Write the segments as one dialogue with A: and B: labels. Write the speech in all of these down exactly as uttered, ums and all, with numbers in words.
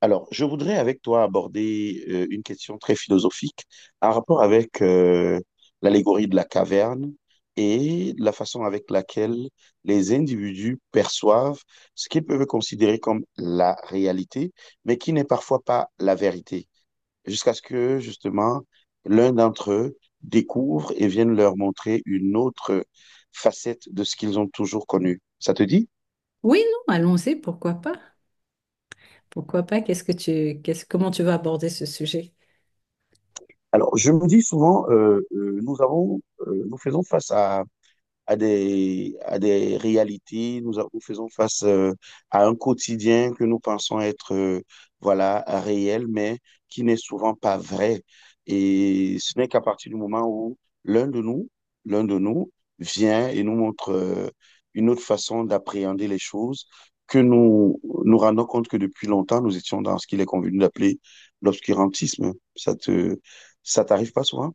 A: Alors, je voudrais avec toi aborder euh, une question très philosophique en rapport avec euh, l'allégorie de la caverne et la façon avec laquelle les individus perçoivent ce qu'ils peuvent considérer comme la réalité, mais qui n'est parfois pas la vérité, jusqu'à ce que justement l'un d'entre eux découvre et vienne leur montrer une autre facette de ce qu'ils ont toujours connu. Ça te dit?
B: Oui, non, allons-y, pourquoi pas? Pourquoi pas? Qu'est-ce que tu, qu'est-ce, Comment tu vas aborder ce sujet?
A: Alors, je me dis souvent, euh, euh, nous avons, euh, nous faisons face à à des, à des réalités, nous, a- nous faisons face euh, à un quotidien que nous pensons être euh, voilà, réel, mais qui n'est souvent pas vrai. Et ce n'est qu'à partir du moment où l'un de nous, l'un de nous vient et nous montre euh, une autre façon d'appréhender les choses que nous nous rendons compte que depuis longtemps, nous étions dans ce qu'il est convenu d'appeler l'obscurantisme. Ça te, ça t'arrive pas souvent?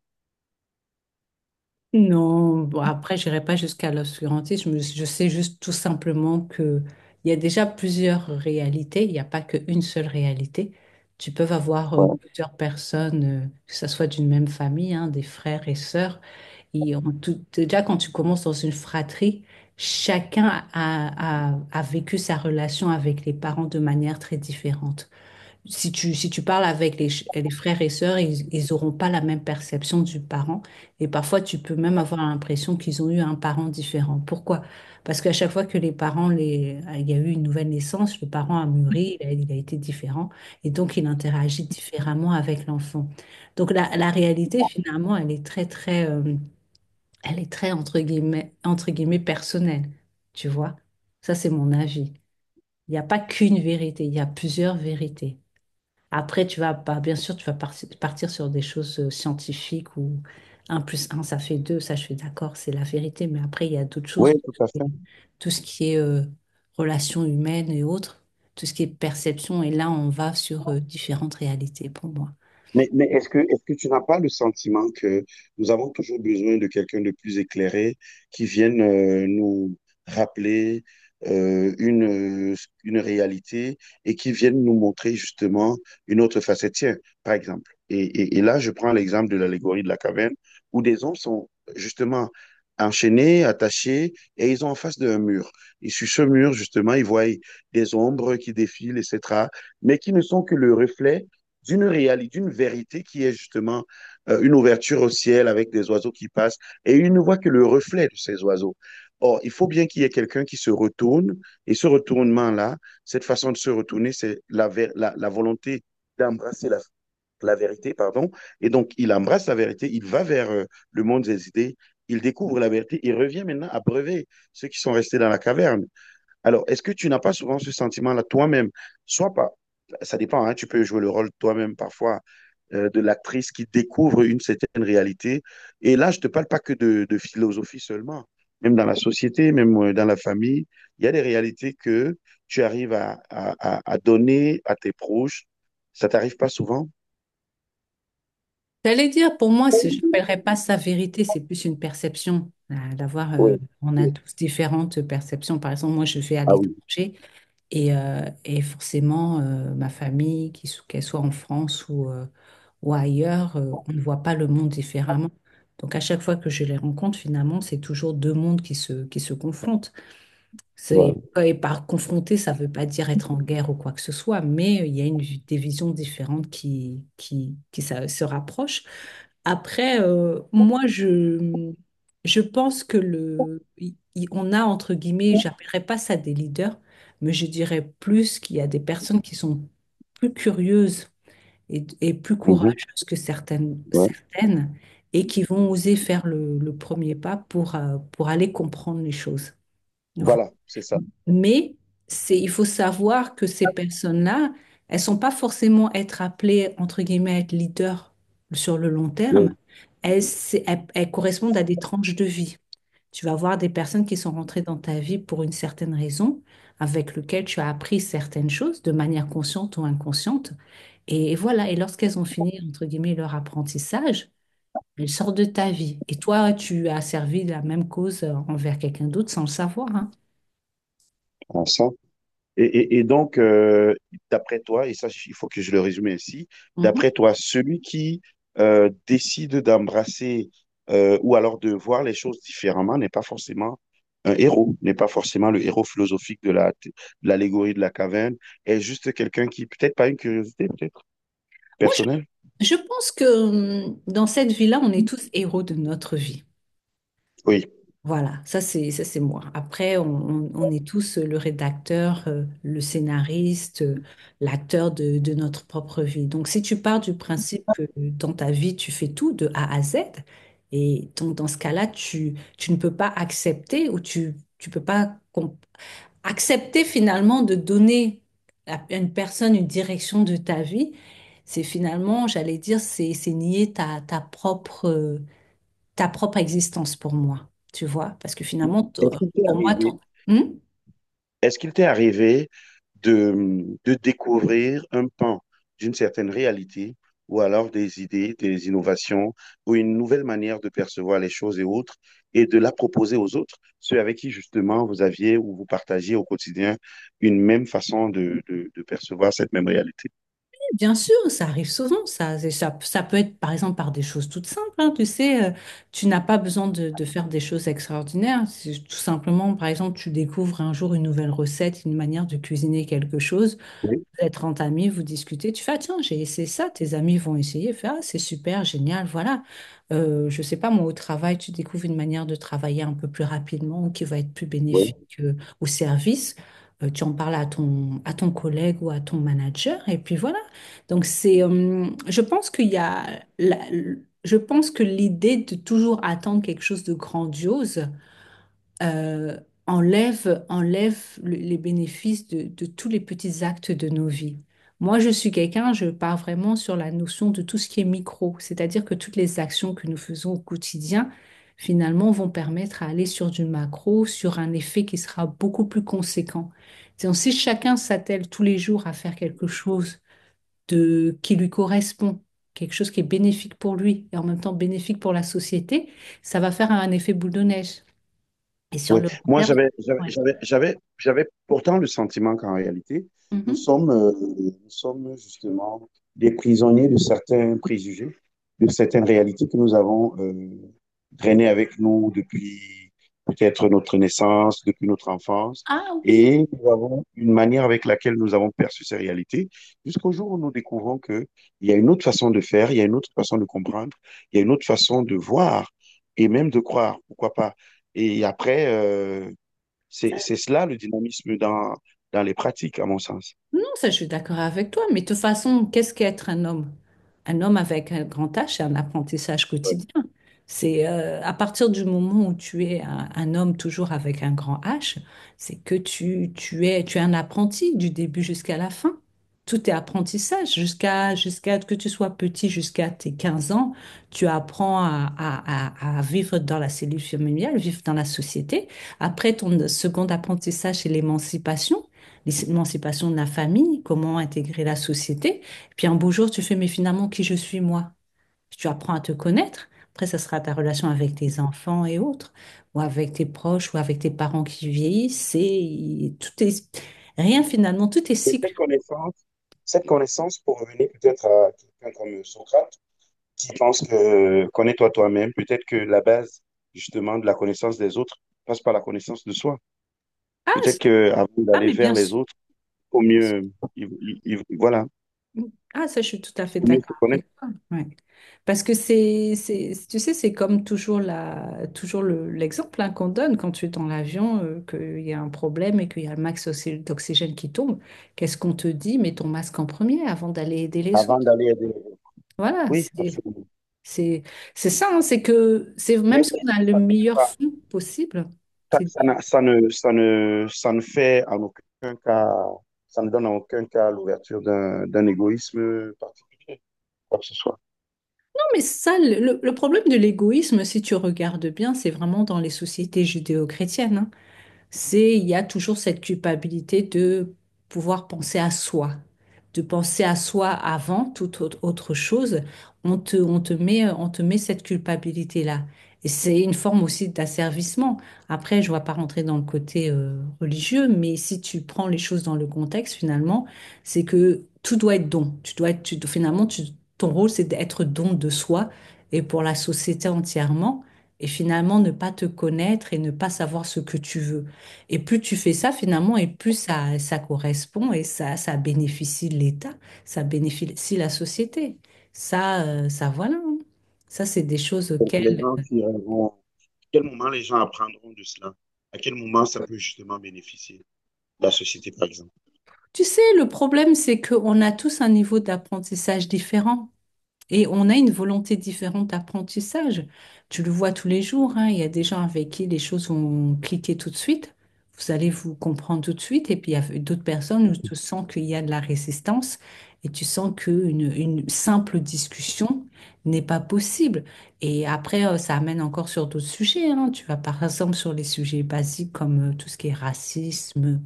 B: Non, bon, après, j'irai pas jusqu'à l'obscurantisme. Je, je sais juste tout simplement que il y a déjà plusieurs réalités. Il n'y a pas qu'une seule réalité. Tu peux avoir euh,
A: Ouais.
B: plusieurs personnes, euh, que ce soit d'une même famille, hein, des frères et sœurs. Et en tout, déjà, quand tu commences dans une fratrie, chacun a, a a vécu sa relation avec les parents de manière très différente. Si tu, si tu parles avec les, ch- les frères et sœurs, ils, ils n'auront pas la même perception du parent. Et parfois, tu peux même avoir l'impression qu'ils ont eu un parent différent. Pourquoi? Parce qu'à chaque fois que les parents, les, il y a eu une nouvelle naissance, le parent a mûri, il a, il a été différent. Et donc, il interagit différemment avec l'enfant. Donc, la, la réalité, finalement, elle est très, très, euh, elle est très, entre guillemets, entre guillemets, personnelle. Tu vois? Ça, c'est mon avis. Il n'y a pas qu'une vérité, il y a plusieurs vérités. Après, tu vas, pas bien sûr, tu vas par- partir sur des choses euh, scientifiques où un plus un ça fait deux, ça je suis d'accord, c'est la vérité, mais après, il y a d'autres
A: Oui,
B: choses,
A: tout à fait.
B: tout ce qui est euh, relations humaines et autres, tout ce qui est perception, et là, on va sur euh, différentes réalités pour moi.
A: Mais, mais est-ce que, est-ce que tu n'as pas le sentiment que nous avons toujours besoin de quelqu'un de plus éclairé qui vienne euh, nous rappeler euh, une, euh, une réalité et qui vienne nous montrer justement une autre facette? Tiens, par exemple, et, et, et là, je prends l'exemple de l'allégorie de la caverne où des hommes sont justement enchaînés, attachés et ils ont en face d'un mur. Et sur ce mur, justement, ils voient des ombres qui défilent, et cetera, mais qui ne sont que le reflet d'une réalité, d'une vérité qui est justement euh, une ouverture au ciel avec des oiseaux qui passent et il ne voit que le reflet de ces oiseaux. Or, il faut bien qu'il y ait quelqu'un qui se retourne et ce retournement-là, cette façon de se retourner, c'est la, la, la, volonté d'embrasser la, la, vérité, pardon. Et donc, il embrasse la vérité, il va vers euh, le monde des idées, il découvre la vérité, il revient maintenant à breuver ceux qui sont restés dans la caverne. Alors, est-ce que tu n'as pas souvent ce sentiment-là toi-même? Soit pas, ça dépend, hein, tu peux jouer le rôle toi-même parfois euh, de l'actrice qui découvre une certaine réalité. Et là, je ne te parle pas que de, de philosophie seulement. Même dans la société, même euh, dans la famille, il y a des réalités que tu arrives à, à, à- à donner à tes proches. Ça t'arrive pas souvent?
B: J'allais dire, pour moi, c'est- je n'appellerais pas ça vérité, c'est plus une perception. euh, D'avoir, euh,
A: Oui,
B: on a
A: oui.
B: tous différentes perceptions. Par exemple, moi, je vais à
A: Ah oui,
B: l'étranger. Et, euh, et forcément, euh, ma famille, qu'il so- qu'elle soit en France ou, euh, ou ailleurs, euh, on ne voit pas le monde différemment. Donc à chaque fois que je les rencontre, finalement, c'est toujours deux mondes qui se, qui se confrontent.
A: voilà.
B: C'est, et par confronter, ça ne veut pas dire être en guerre ou quoi que ce soit, mais il y a une, vi- des visions différentes qui, qui, qui sa- se rapprochent. Après, euh, moi, je, je pense que le, il- il- on a, entre guillemets, j'appellerais pas ça des leaders, mais je dirais plus qu'il y a des personnes qui sont plus curieuses et, et plus
A: Mhm,
B: courageuses que certaines,
A: ouais.
B: certaines et qui vont oser faire le, le premier pas pour, euh, pour aller comprendre les choses. Voilà.
A: Voilà, c'est ça.
B: Mais c'est, il faut savoir que ces personnes-là, elles sont pas forcément être appelées, entre guillemets, à être leaders sur le long terme.
A: Oui,
B: Elles, c'est- elles- elles correspondent à des tranches de vie. Tu vas voir des personnes qui sont rentrées dans ta vie pour une certaine raison, avec lequel tu as appris certaines choses de manière consciente ou inconsciente. Et, voilà, et lorsqu'elles ont fini, entre guillemets, leur apprentissage, elles sortent de ta vie. Et toi, tu as servi la même cause euh, envers quelqu'un d'autre sans le savoir, hein.
A: à ça. Et, et- et donc, euh, d'après toi, et ça, il faut que je le résume ainsi,
B: Mhm.
A: d'après toi, celui qui euh, décide d'embrasser euh, ou alors de voir les choses différemment n'est pas forcément un héros, n'est pas forcément le héros philosophique de la, de l'allégorie de la caverne, est juste quelqu'un qui, peut-être pas une curiosité, peut-être
B: Moi,
A: personnelle.
B: je pense que hum, dans cette vie-là, on est tous héros de notre vie.
A: Oui.
B: Voilà, ça c'est ça c'est moi. Après, on, on- on est tous euh, le rédacteur, euh, le scénariste, euh, l'acteur de, de notre propre vie. Donc, si tu pars du principe que dans ta vie, tu fais tout de A à Z, et donc dans ce cas-là, tu, tu ne peux pas accepter ou tu tu peux pas com- accepter finalement de donner à une personne une direction de ta vie, c'est finalement, j'allais dire, c'est c'est nier ta, ta propre, euh, ta propre existence pour moi, tu vois, parce que finalement,
A: Est-ce
B: ton-
A: qu'il t'est
B: pour moi,
A: arrivé
B: ton. Hmm?
A: Est-ce qu'il t'est arrivé de, de découvrir un pan d'une certaine réalité ou alors des idées, des innovations ou une nouvelle manière de percevoir les choses et autres et de la proposer aux autres, ceux avec qui justement vous aviez ou vous partagez au quotidien une même façon de, de, de percevoir cette même réalité?
B: Oui, bien sûr, ça arrive souvent, ça. C'est- ça, ça peut être par exemple par des choses toutes simples, hein, tu sais, euh, tu n'as pas besoin de, de faire des choses extraordinaires, c'est tout simplement, par exemple, tu découvres un jour une nouvelle recette, une manière de cuisiner quelque chose.
A: Oui,
B: Vous êtes trente amis, vous discutez, tu fais, ah, tiens, j'ai essayé ça, tes amis vont essayer, fais, ah, c'est super, génial, voilà. Euh, je sais pas, moi, au travail, tu découvres une manière de travailler un peu plus rapidement ou qui va être plus bénéfique
A: oui.
B: euh, au service. Euh, tu en parles à ton, à ton collègue ou à ton manager, et puis voilà. Donc, c'est, euh, je pense qu'il y a, la- je pense que l'idée de toujours attendre quelque chose de grandiose, euh, enlève, enlève le- les bénéfices de, de tous les petits actes de nos vies. Moi, je suis quelqu'un, je pars vraiment sur la notion de tout ce qui est micro, c'est-à-dire que toutes les actions que nous faisons au quotidien, finalement, vont permettre à aller sur du macro, sur un effet qui sera beaucoup plus conséquent. Donc, si chacun s'attelle tous les jours à faire quelque chose de, qui lui correspond, quelque chose qui est bénéfique pour lui et en même temps bénéfique pour la société, ça va faire un effet boule de neige. Et sur
A: Oui,
B: le long
A: moi
B: terme,
A: j'avais j'avais
B: ouais.
A: j'avais j'avais j'avais pourtant le sentiment qu'en réalité, nous
B: Mhm.
A: sommes euh, nous sommes justement des prisonniers de certains préjugés, de certaines réalités que nous avons euh, traînées avec nous depuis peut-être notre naissance, depuis notre enfance,
B: Ah oui,
A: et nous avons une manière avec laquelle nous avons perçu ces réalités, jusqu'au jour où nous découvrons que il y a une autre façon de faire, il y a une autre façon de comprendre, il y a une autre façon de voir et même de croire, pourquoi pas. Et après, euh, c'est
B: ça,
A: c'est cela le dynamisme dans, dans les pratiques, à mon sens.
B: non, ça, je suis d'accord avec toi, mais de toute façon, qu'est-ce qu'être un homme? Un homme avec un grand H, c'est un apprentissage
A: Ouais.
B: quotidien. C'est euh, à partir du moment où tu es un, un homme toujours avec un grand H, c'est que tu, tu es, tu es un apprenti du début jusqu'à la fin. Tout est apprentissage, jusqu'à jusqu'à que tu sois petit, jusqu'à tes quinze ans, tu apprends à, à, à à vivre dans la cellule familiale, vivre dans la société. Après, ton second apprentissage, c'est l'émancipation l'émancipation de la famille, comment intégrer la société. Et puis un beau jour, tu fais, mais finalement, qui je suis moi? Tu apprends à te connaître. Après, ça sera ta relation avec tes enfants et autres, ou avec tes proches, ou avec tes parents qui vieillissent. C'est tout est rien finalement, tout est
A: Et
B: cycle.
A: cette connaissance, cette connaissance, pour revenir peut-être à quelqu'un comme Socrate, qui pense que connais-toi toi-même, peut-être que la base justement de la connaissance des autres passe par la connaissance de soi.
B: Ah,
A: Peut-être
B: c'est-
A: que avant
B: ah,
A: d'aller
B: mais
A: vers
B: bien
A: les
B: sûr.
A: autres, au mieux, il- il- il- voilà,
B: Ah, ça, je suis tout à fait
A: au mieux se
B: d'accord
A: connaître
B: avec toi. Ouais. Parce que c'est, c'est, tu sais, c'est comme toujours la, toujours le- l'exemple, hein, qu'on donne quand tu es dans l'avion, euh, qu'il y a un problème et qu'il y a le max oxy- d'oxygène qui tombe. Qu'est-ce qu'on te dit? Mets ton masque en premier avant d'aller aider les
A: avant
B: autres.
A: d'aller aider. Les.
B: Voilà,
A: Oui,
B: c'est,
A: absolument.
B: c'est, c'est ça, hein, c'est que, c'est
A: Mais
B: même si on
A: est-ce
B: a
A: que
B: le
A: ça ne fait
B: meilleur
A: pas
B: fond possible.
A: Ça,
B: C'est
A: ça n'a- ça ne, ça ne, ça ne fait en aucun cas, ça ne donne en aucun cas l'ouverture d'un, d'un égoïsme particulier, quoi que ce soit.
B: mais ça, le, le problème de l'égoïsme, si tu regardes bien, c'est vraiment dans les sociétés judéo-chrétiennes, hein. c'est Il y a toujours cette culpabilité de pouvoir penser à soi, de penser à soi avant toute autre autre chose. On te, on te met, on te met cette culpabilité-là. Et c'est une forme aussi d'asservissement. Après, je ne vais pas rentrer dans le côté euh, religieux, mais si tu prends les choses dans le contexte, finalement, c'est que tout doit être don. Tu dois être, tu, finalement, tu- ton rôle, c'est d'être don de soi et pour la société entièrement, et finalement ne pas te connaître et ne pas savoir ce que tu veux. Et plus tu fais ça finalement, et plus ça, ça correspond et ça, ça bénéficie l'État, ça bénéficie la société. Ça, euh, ça voilà, hein. Ça, c'est des choses
A: Les
B: auxquelles.
A: gens qui euh, vont, À quel moment les gens apprendront de cela? À quel moment ça peut justement bénéficier la société, par exemple?
B: Tu sais, le problème, c'est qu'on a tous un niveau d'apprentissage différent. Et on a une volonté différente d'apprentissage. Tu le vois tous les jours, hein, il y a des gens avec qui les choses vont cliquer tout de suite. Vous allez vous comprendre tout de suite. Et puis il y a d'autres personnes où tu sens qu'il y a de la résistance et tu sens qu'une une simple discussion n'est pas possible. Et après, euh, ça amène encore sur d'autres sujets, hein. Tu vas par exemple sur les sujets basiques comme euh, tout ce qui est racisme,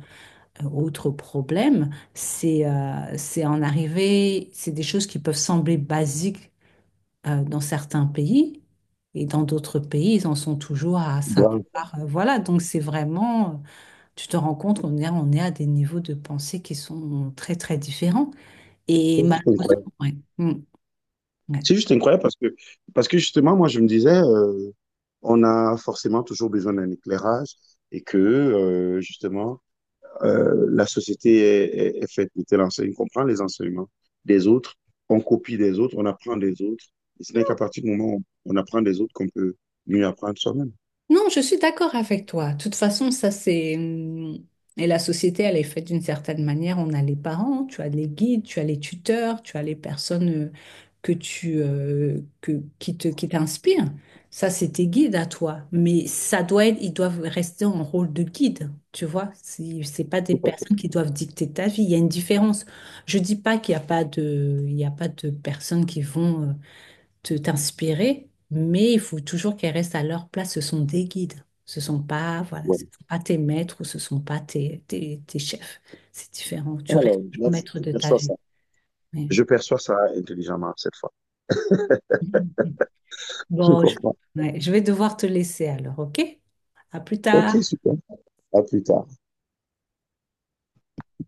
B: euh, autres problèmes. C'est euh, c'est en arrivée, c'est des choses qui peuvent sembler basiques euh, dans certains pays et dans d'autres pays, ils en sont toujours à ça.
A: Grave,
B: Alors, euh, voilà, donc c'est vraiment, euh, tu te rends compte qu'on est, on est à des niveaux de pensée qui sont très très différents. Et
A: c'est juste incroyable.
B: malheureusement, ouais. Mm. Ouais.
A: C'est juste incroyable parce que, parce que, justement, moi, je me disais, euh, on a forcément toujours besoin d'un éclairage et que, euh, justement, euh, la société est, est, est, faite de telle enseigne qu'on prend les enseignements des autres, on copie des autres, on apprend des autres. Et ce n'est qu'à partir du moment où on apprend des autres qu'on peut mieux apprendre soi-même.
B: Non, je suis d'accord avec toi. De toute façon, ça c'est. hum, Et la société, elle est faite d'une certaine manière. On a les parents, tu as les guides, tu as les tuteurs, tu as les personnes euh, que tu, euh, que, qui te, qui t'inspirent. Ça, c'est tes guides à toi. Mais ça doit être, ils doivent rester en rôle de guide, tu vois. C'est c'est pas des
A: Tout à fait.
B: personnes qui doivent dicter ta vie. Il y a une différence. Je dis pas qu'il n'y a pas de, il y a pas de personnes qui vont. euh, te t'inspirer, mais il faut toujours qu'elles restent à leur place. Ce sont des guides. Ce sont pas, voilà, ce
A: Voilà.
B: sont pas tes maîtres ou ce sont pas tes, tes, tes chefs. C'est différent. Tu restes
A: Alors, là,
B: toujours
A: je,
B: maître
A: je
B: de ta
A: perçois
B: vie.
A: ça.
B: Mais-
A: Je perçois ça intelligemment cette fois. Je
B: Bon, je,
A: comprends.
B: ouais, je vais devoir te laisser alors, ok? À plus
A: OK,
B: tard.
A: super. À plus tard.